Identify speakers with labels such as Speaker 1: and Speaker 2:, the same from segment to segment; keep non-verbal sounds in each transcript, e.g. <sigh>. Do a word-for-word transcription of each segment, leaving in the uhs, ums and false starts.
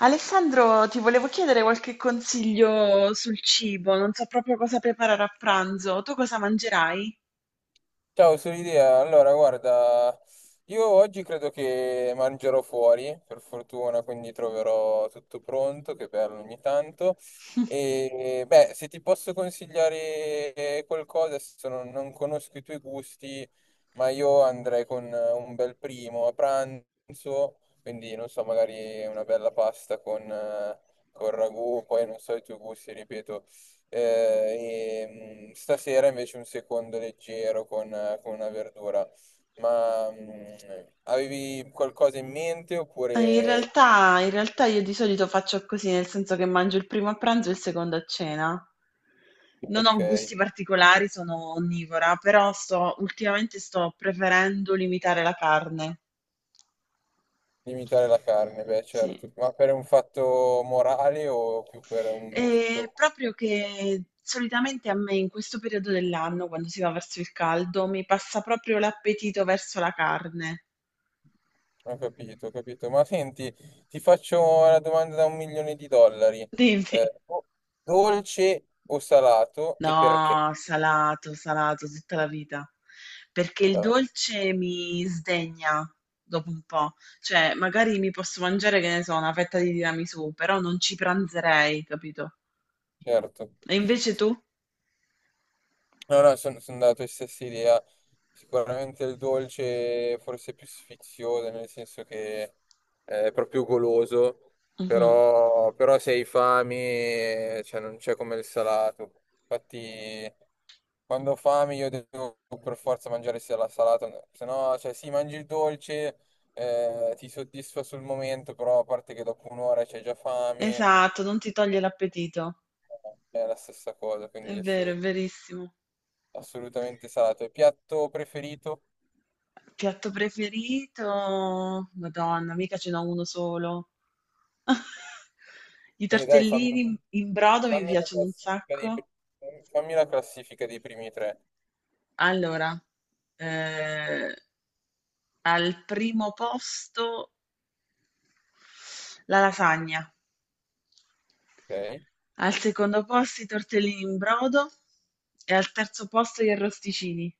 Speaker 1: Alessandro, ti volevo chiedere qualche consiglio sul cibo, non so proprio cosa preparare a pranzo. Tu cosa mangerai?
Speaker 2: Ciao, sono Idea. Allora, guarda, io oggi credo che mangerò fuori, per fortuna, quindi troverò tutto pronto, che bello ogni tanto. E beh, se ti posso consigliare eh, qualcosa, adesso non, non conosco i tuoi gusti, ma io andrei con eh, un bel primo a pranzo, quindi non so, magari una bella pasta con, eh, con ragù, poi non so i tuoi gusti, ripeto. Eh, e, mh, Stasera invece un secondo leggero con, eh, con una verdura. Ma mh, Avevi qualcosa in mente
Speaker 1: Eh, In
Speaker 2: oppure...
Speaker 1: realtà, in realtà io di solito faccio così, nel senso che mangio il primo a pranzo e il secondo a cena. Non
Speaker 2: Ok,
Speaker 1: ho gusti particolari, sono onnivora, però sto, ultimamente sto preferendo limitare la carne.
Speaker 2: limitare la carne, beh certo, ma per un fatto morale o più per un
Speaker 1: Ehm,
Speaker 2: gusto?
Speaker 1: proprio che solitamente a me in questo periodo dell'anno, quando si va verso il caldo, mi passa proprio l'appetito verso la carne.
Speaker 2: Ho capito, ho capito. Ma senti, ti faccio una domanda da un milione di dollari.
Speaker 1: <laughs> Dimmi.
Speaker 2: Eh, o- Dolce o salato e perché?
Speaker 1: No, salato, salato tutta la vita, perché il
Speaker 2: Ah,
Speaker 1: dolce mi sdegna dopo un po', cioè magari mi posso mangiare, che ne so, una fetta di tiramisù, però non ci pranzerei, capito?
Speaker 2: certo.
Speaker 1: E invece tu?
Speaker 2: No, no, sono andato della tua stessa idea. Sicuramente il dolce forse è più sfizioso, nel senso che è proprio goloso,
Speaker 1: Mhm.
Speaker 2: però, però se hai fame, cioè, non c'è come il salato. Infatti, quando ho fame io devo per forza mangiare sia la salata, no, se no, cioè, sì, mangi il dolce, eh, ti soddisfa sul momento, però a parte che dopo un'ora c'hai già fame,
Speaker 1: Esatto, non ti toglie l'appetito,
Speaker 2: è la stessa cosa, quindi
Speaker 1: è vero, è
Speaker 2: assolut-
Speaker 1: verissimo.
Speaker 2: assolutamente salato. E piatto preferito?
Speaker 1: Piatto preferito? Madonna, mica ce n'ho uno solo. <laughs> I
Speaker 2: E dai, fammi,
Speaker 1: tortellini in in brodo mi
Speaker 2: fammi una
Speaker 1: piacciono un
Speaker 2: classifica dei,
Speaker 1: sacco.
Speaker 2: fammi la classifica dei primi tre,
Speaker 1: Allora, eh, al primo posto la lasagna,
Speaker 2: ok?
Speaker 1: al secondo posto i tortellini in brodo e al terzo posto gli arrosticini.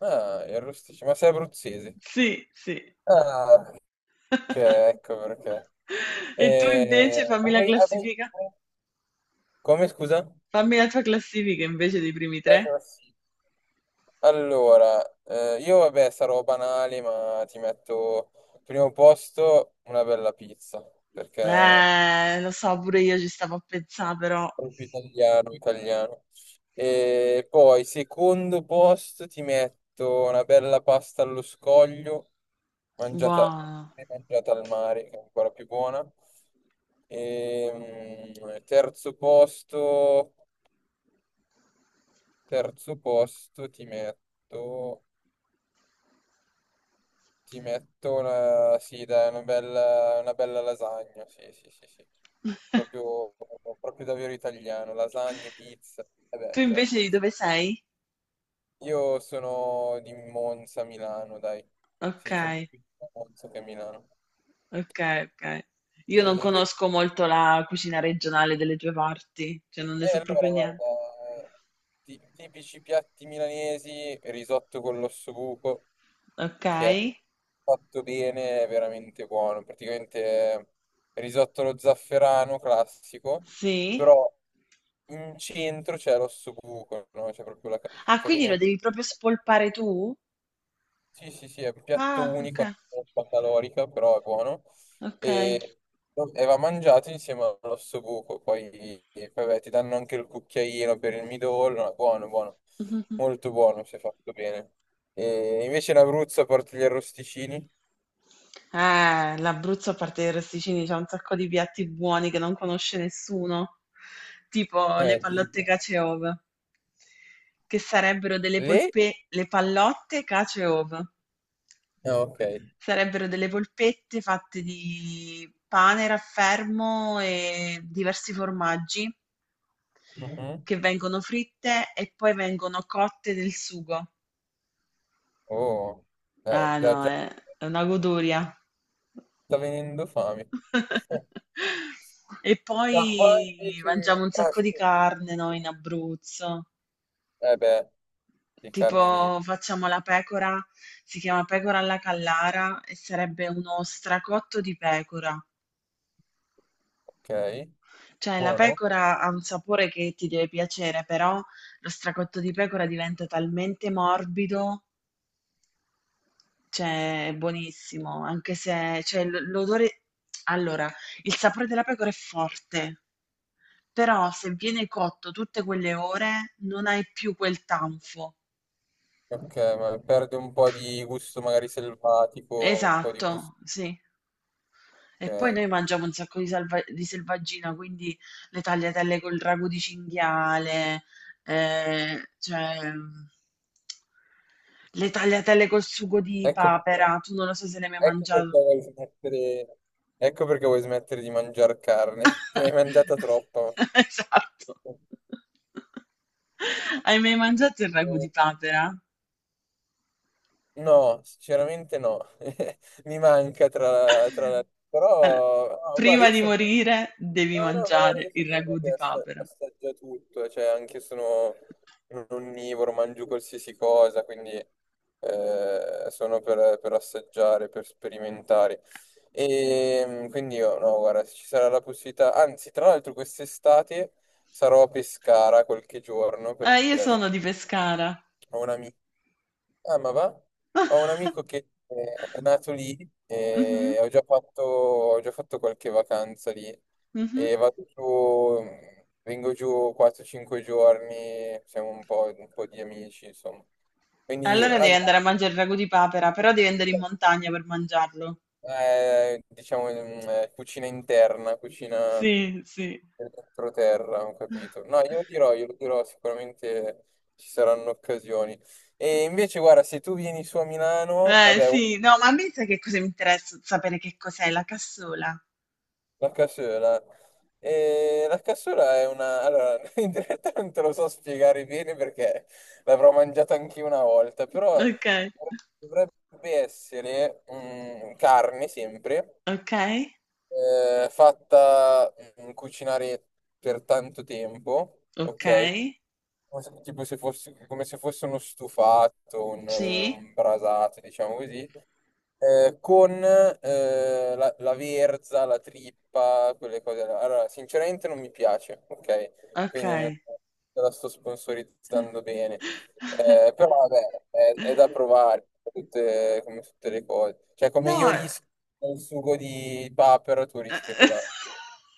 Speaker 2: Ah, il rosticino, ma sei abruzzese.
Speaker 1: Sì, sì.
Speaker 2: Ah, ok, ecco
Speaker 1: <laughs>
Speaker 2: perché.
Speaker 1: E tu invece
Speaker 2: Eh,
Speaker 1: fammi la
Speaker 2: avrei- avrei-
Speaker 1: classifica,
Speaker 2: avrei- Come scusa?
Speaker 1: fammi la tua classifica invece dei primi
Speaker 2: La
Speaker 1: tre.
Speaker 2: classifica. Allora, eh, io vabbè sarò banale, ma ti metto primo posto una bella pizza, perché
Speaker 1: Eh, lo so, pure io ci stavo a pensare, però.
Speaker 2: proprio italiano, italiano. E poi, secondo posto, ti metto una bella pasta allo scoglio, mangiata,
Speaker 1: Buono.
Speaker 2: mangiata al mare, che è ancora più buona. E, mm, terzo posto, Terzo posto, ti metto, ti metto una, sì, dai, una bella, una bella lasagna, sì, sì, sì, sì.
Speaker 1: <laughs>
Speaker 2: Proprio, proprio davvero italiano, lasagne, pizza, e
Speaker 1: Tu
Speaker 2: beh,
Speaker 1: invece
Speaker 2: certo.
Speaker 1: di dove sei?
Speaker 2: Io sono di Monza, Milano, dai.
Speaker 1: Ok,
Speaker 2: Sì, sono più a Monza che a Milano.
Speaker 1: ok, ok.
Speaker 2: E,
Speaker 1: Io non
Speaker 2: e pe-
Speaker 1: conosco molto la cucina regionale delle tue parti, cioè non ne
Speaker 2: e
Speaker 1: so
Speaker 2: allora,
Speaker 1: proprio
Speaker 2: guarda,
Speaker 1: niente.
Speaker 2: ti- tipici piatti milanesi, risotto con l'ossobuco,
Speaker 1: Ok,
Speaker 2: che è fatto bene, è veramente buono. Praticamente è risotto allo zafferano classico,
Speaker 1: sì.
Speaker 2: però in centro c'è l'ossobuco, no? C'è proprio la... ca-
Speaker 1: Ah,
Speaker 2: Cioè,
Speaker 1: quindi
Speaker 2: quindi è
Speaker 1: lo
Speaker 2: un
Speaker 1: devi proprio spolpare tu?
Speaker 2: Sì, sì, sì, è un piatto
Speaker 1: Ah, ok,
Speaker 2: unico, è un po' calorica, però è buono.
Speaker 1: ok.
Speaker 2: E, e va mangiato insieme all'osso buco. Poi, e poi, beh, ti danno anche il cucchiaino per il midollo. È buono, buono.
Speaker 1: <laughs>
Speaker 2: Molto buono, se fatto bene. E invece in Abruzzo porti gli arrosticini?
Speaker 1: Eh, l'Abruzzo, a parte i rosticini, c'è un sacco di piatti buoni che non conosce nessuno, tipo le
Speaker 2: Eh,
Speaker 1: pallotte
Speaker 2: tipo.
Speaker 1: caciove. Che sarebbero delle
Speaker 2: Lì?
Speaker 1: polpe le pallotte, cacio e ovo.
Speaker 2: Ah, ok.
Speaker 1: Sarebbero delle polpette fatte di pane, raffermo e diversi formaggi
Speaker 2: Mhm.
Speaker 1: che vengono fritte e poi vengono cotte nel sugo.
Speaker 2: Oh, eh,
Speaker 1: Ah
Speaker 2: già,
Speaker 1: no,
Speaker 2: già
Speaker 1: è è una goduria.
Speaker 2: sta venendo fame.
Speaker 1: <laughs> E
Speaker 2: Ma qua
Speaker 1: poi
Speaker 2: invece...
Speaker 1: mangiamo un
Speaker 2: Ah,
Speaker 1: sacco di
Speaker 2: sì.
Speaker 1: carne noi in Abruzzo.
Speaker 2: Eh beh, di carne di...
Speaker 1: Tipo facciamo la pecora, si chiama pecora alla Callara e sarebbe uno stracotto di pecora.
Speaker 2: Ok.
Speaker 1: Cioè la
Speaker 2: Buono?
Speaker 1: pecora ha un sapore che ti deve piacere, però lo stracotto di pecora diventa talmente morbido, cioè è buonissimo, anche se cioè, l- l'odore... Allora, il sapore della pecora è forte, però se viene cotto tutte quelle ore non hai più quel tanfo.
Speaker 2: Ok, ma perde un po' di gusto magari selvatico, un po' di gusto,
Speaker 1: Esatto, sì. E poi
Speaker 2: ok.
Speaker 1: noi mangiamo un sacco di, salva- di selvaggina, quindi le tagliatelle col ragù di cinghiale, eh, cioè mm, le tagliatelle col sugo di
Speaker 2: Ecco perché,
Speaker 1: papera. Tu non lo so se le hai mai
Speaker 2: ecco perché
Speaker 1: mangiato.
Speaker 2: vuoi smettere, ecco perché vuoi smettere di mangiare carne. <laughs> Ne hai mangiata
Speaker 1: <laughs>
Speaker 2: troppa.
Speaker 1: Esatto. Hai mai mangiato il ragù di
Speaker 2: Eh,
Speaker 1: papera?
Speaker 2: No, sinceramente no. <laughs> Mi manca tra, tra...
Speaker 1: Allora,
Speaker 2: Però, no, guarda,
Speaker 1: prima
Speaker 2: io
Speaker 1: di
Speaker 2: sono
Speaker 1: morire devi
Speaker 2: no, no, no,
Speaker 1: mangiare
Speaker 2: io
Speaker 1: il
Speaker 2: sono uno
Speaker 1: ragù
Speaker 2: che
Speaker 1: di
Speaker 2: assa-
Speaker 1: papera.
Speaker 2: assaggia tutto, eh, cioè anche sono un onnivoro, mangio qualsiasi cosa, quindi eh, sono per, per assaggiare, per sperimentare. E mm, quindi io, no, guarda, se ci sarà la possibilità, anzi, tra l'altro quest'estate sarò a Pescara qualche giorno
Speaker 1: Eh, io
Speaker 2: perché
Speaker 1: sono di Pescara.
Speaker 2: ho un amico. Ah, ma va? Ho un
Speaker 1: <laughs>
Speaker 2: amico che eh, è nato lì
Speaker 1: Mhm,
Speaker 2: e ho già fatto, ho già fatto qualche vacanza lì
Speaker 1: mhm.
Speaker 2: e vado giù, vengo giù quattro cinque giorni, siamo un po', un po' di amici, insomma. Quindi,
Speaker 1: Allora devi
Speaker 2: rag-
Speaker 1: andare a mangiare il ragù di papera, però devi andare in montagna per mangiarlo.
Speaker 2: eh, diciamo, mm, eh, cucina interna, cucina
Speaker 1: Sì, sì.
Speaker 2: dell'entroterra, ho capito. No,
Speaker 1: <laughs>
Speaker 2: io lo dirò, io lo dirò, sicuramente ci saranno occasioni. E invece, guarda, se tu vieni su a Milano,
Speaker 1: Eh
Speaker 2: vabbè,
Speaker 1: sì, no, ma a me sai che cosa mi interessa sapere che cos'è la cassola.
Speaker 2: la cassola. E la cassola è una... Allora, <laughs> in realtà non te lo so spiegare bene perché l'avrò mangiata anche una volta, però
Speaker 1: Ok.
Speaker 2: dovrebbe essere mm, carne sempre,
Speaker 1: Ok,
Speaker 2: eh, fatta mm, cucinare per tanto tempo,
Speaker 1: ok,
Speaker 2: ok? Come se- Tipo se fosse, come se fosse uno stufato, un,
Speaker 1: sì,
Speaker 2: un brasato, diciamo così eh, con eh, la, la verza, la trippa, quelle cose là. Allora, sinceramente non mi piace, ok?
Speaker 1: ok.
Speaker 2: Quindi non te la sto sponsorizzando bene.
Speaker 1: <laughs>
Speaker 2: Eh, però vabbè, è, è da provare, tutte- come tutte le cose. Cioè, come io
Speaker 1: No,
Speaker 2: rischio il sugo di papero, tu rischi quella...
Speaker 1: <laughs>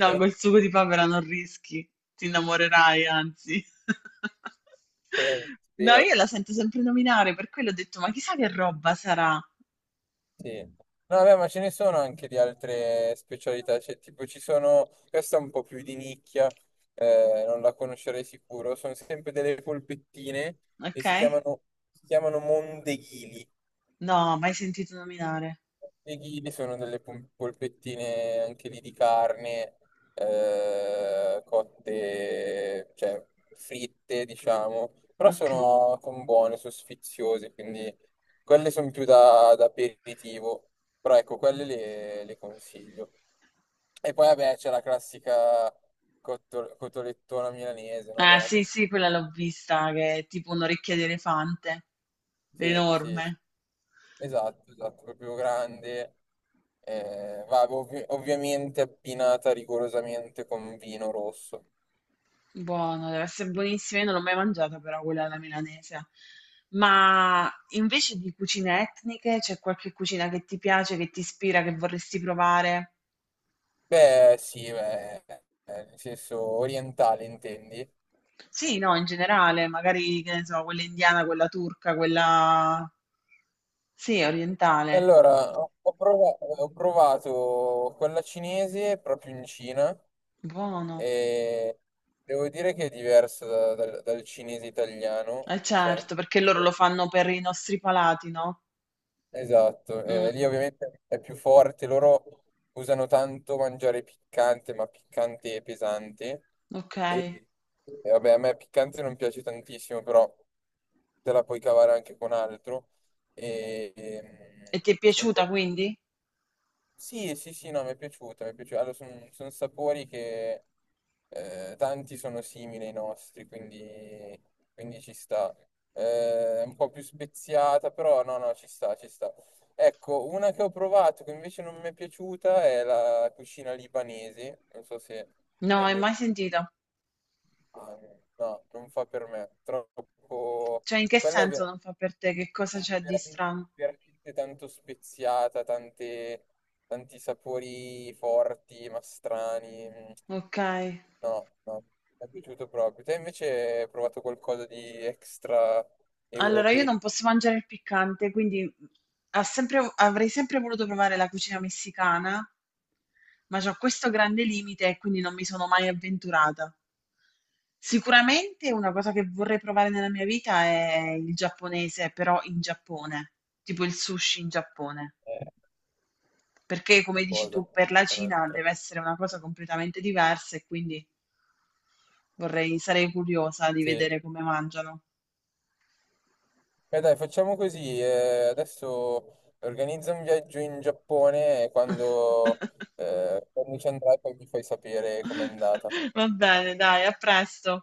Speaker 1: No, col sugo di papera non rischi, ti innamorerai, anzi. <laughs>
Speaker 2: Eh,
Speaker 1: No,
Speaker 2: spero.
Speaker 1: io la sento sempre nominare, per quello ho detto, ma chissà che roba sarà,
Speaker 2: Sì. No, vabbè, ma ce ne sono anche di altre specialità, cioè, tipo ci sono, questa è un po' più di nicchia, eh, non la conoscerei sicuro, sono sempre delle polpettine e
Speaker 1: ok?
Speaker 2: si chiamano, si chiamano mondeghili.
Speaker 1: No, mai sentito nominare.
Speaker 2: Mondeghili sono delle pom- polpettine anche lì di carne, eh, cotte, cioè fritte, diciamo, però
Speaker 1: Ok.
Speaker 2: sono, sono buone, sono sfiziose, quindi quelle sono più da, da aperitivo, però ecco, quelle le, le consiglio. E poi vabbè c'è la classica cotto- cotolettona milanese, no? Beh,
Speaker 1: Ah,
Speaker 2: la
Speaker 1: sì,
Speaker 2: cot-
Speaker 1: sì, quella l'ho vista, che è tipo un'orecchia di elefante,
Speaker 2: Sì, sì, sì.
Speaker 1: enorme.
Speaker 2: Esatto, esatto, proprio grande. Eh, va, ovvi- ovviamente abbinata rigorosamente con vino rosso.
Speaker 1: Buono, deve essere buonissima. Io non l'ho mai mangiata, però quella alla milanese. Ma invece di cucine etniche, c'è qualche cucina che ti piace, che ti ispira, che vorresti provare?
Speaker 2: Beh, sì, beh, eh, nel senso orientale intendi?
Speaker 1: Sì, no, in generale, magari, che ne so, quella indiana, quella turca, quella... Sì, orientale.
Speaker 2: Allora, ho ho prova- ho provato quella cinese proprio in Cina
Speaker 1: Buono.
Speaker 2: e devo dire che è diversa da- dal, dal cinese italiano,
Speaker 1: Eh
Speaker 2: ok?
Speaker 1: certo, perché loro lo fanno per i nostri palati, no?
Speaker 2: Esatto,
Speaker 1: Mm,
Speaker 2: eh, lì ovviamente è più forte, loro usano tanto mangiare piccante, ma piccante e pesante.
Speaker 1: ok.
Speaker 2: E, e vabbè, a me piccante non piace tantissimo, però te la puoi cavare anche con altro. E,
Speaker 1: E
Speaker 2: e-
Speaker 1: ti è
Speaker 2: e
Speaker 1: piaciuta
Speaker 2: poi
Speaker 1: quindi?
Speaker 2: sì, sì, sì, no, mi è piaciuta, mi è piaciuta. Allora, sono sapori che eh, tanti sono simili ai nostri, quindi, quindi ci sta. Eh, È un po' più speziata, però no, no, ci sta, ci sta. Ecco, una che ho provato che invece non mi è piaciuta è la cucina libanese. Non so se
Speaker 1: No,
Speaker 2: hai
Speaker 1: hai
Speaker 2: mai
Speaker 1: mai
Speaker 2: provato.
Speaker 1: sentita?
Speaker 2: No, non fa per me. Troppo...
Speaker 1: Cioè, in che
Speaker 2: Quella è
Speaker 1: senso
Speaker 2: vera
Speaker 1: non fa per te? Che
Speaker 2: è
Speaker 1: cosa c'è di
Speaker 2: veramente,
Speaker 1: strano?
Speaker 2: veramente tanto speziata, tante- tanti sapori forti, ma strani. Mm,
Speaker 1: Ok,
Speaker 2: no, no, mi è piaciuto proprio. Te invece hai provato qualcosa di extra
Speaker 1: allora io
Speaker 2: europeo?
Speaker 1: non posso mangiare il piccante, quindi ha sempre- avrei sempre voluto provare la cucina messicana, ma c'ho questo grande limite e quindi non mi sono mai avventurata. Sicuramente una cosa che vorrei provare nella mia vita è il giapponese, però in Giappone, tipo il sushi in Giappone,
Speaker 2: Eh,
Speaker 1: perché come dici
Speaker 2: qualcosa.
Speaker 1: tu, per la Cina
Speaker 2: Un'altra.
Speaker 1: deve essere una cosa completamente diversa e quindi vorrei, sarei curiosa di
Speaker 2: Sì.
Speaker 1: vedere come mangiano.
Speaker 2: Beh, dai, facciamo così. eh, adesso organizza un viaggio in Giappone e quando,
Speaker 1: <laughs>
Speaker 2: eh, quando ci andrai poi mi fai sapere com'è andata.
Speaker 1: <laughs> Va bene, dai, a presto.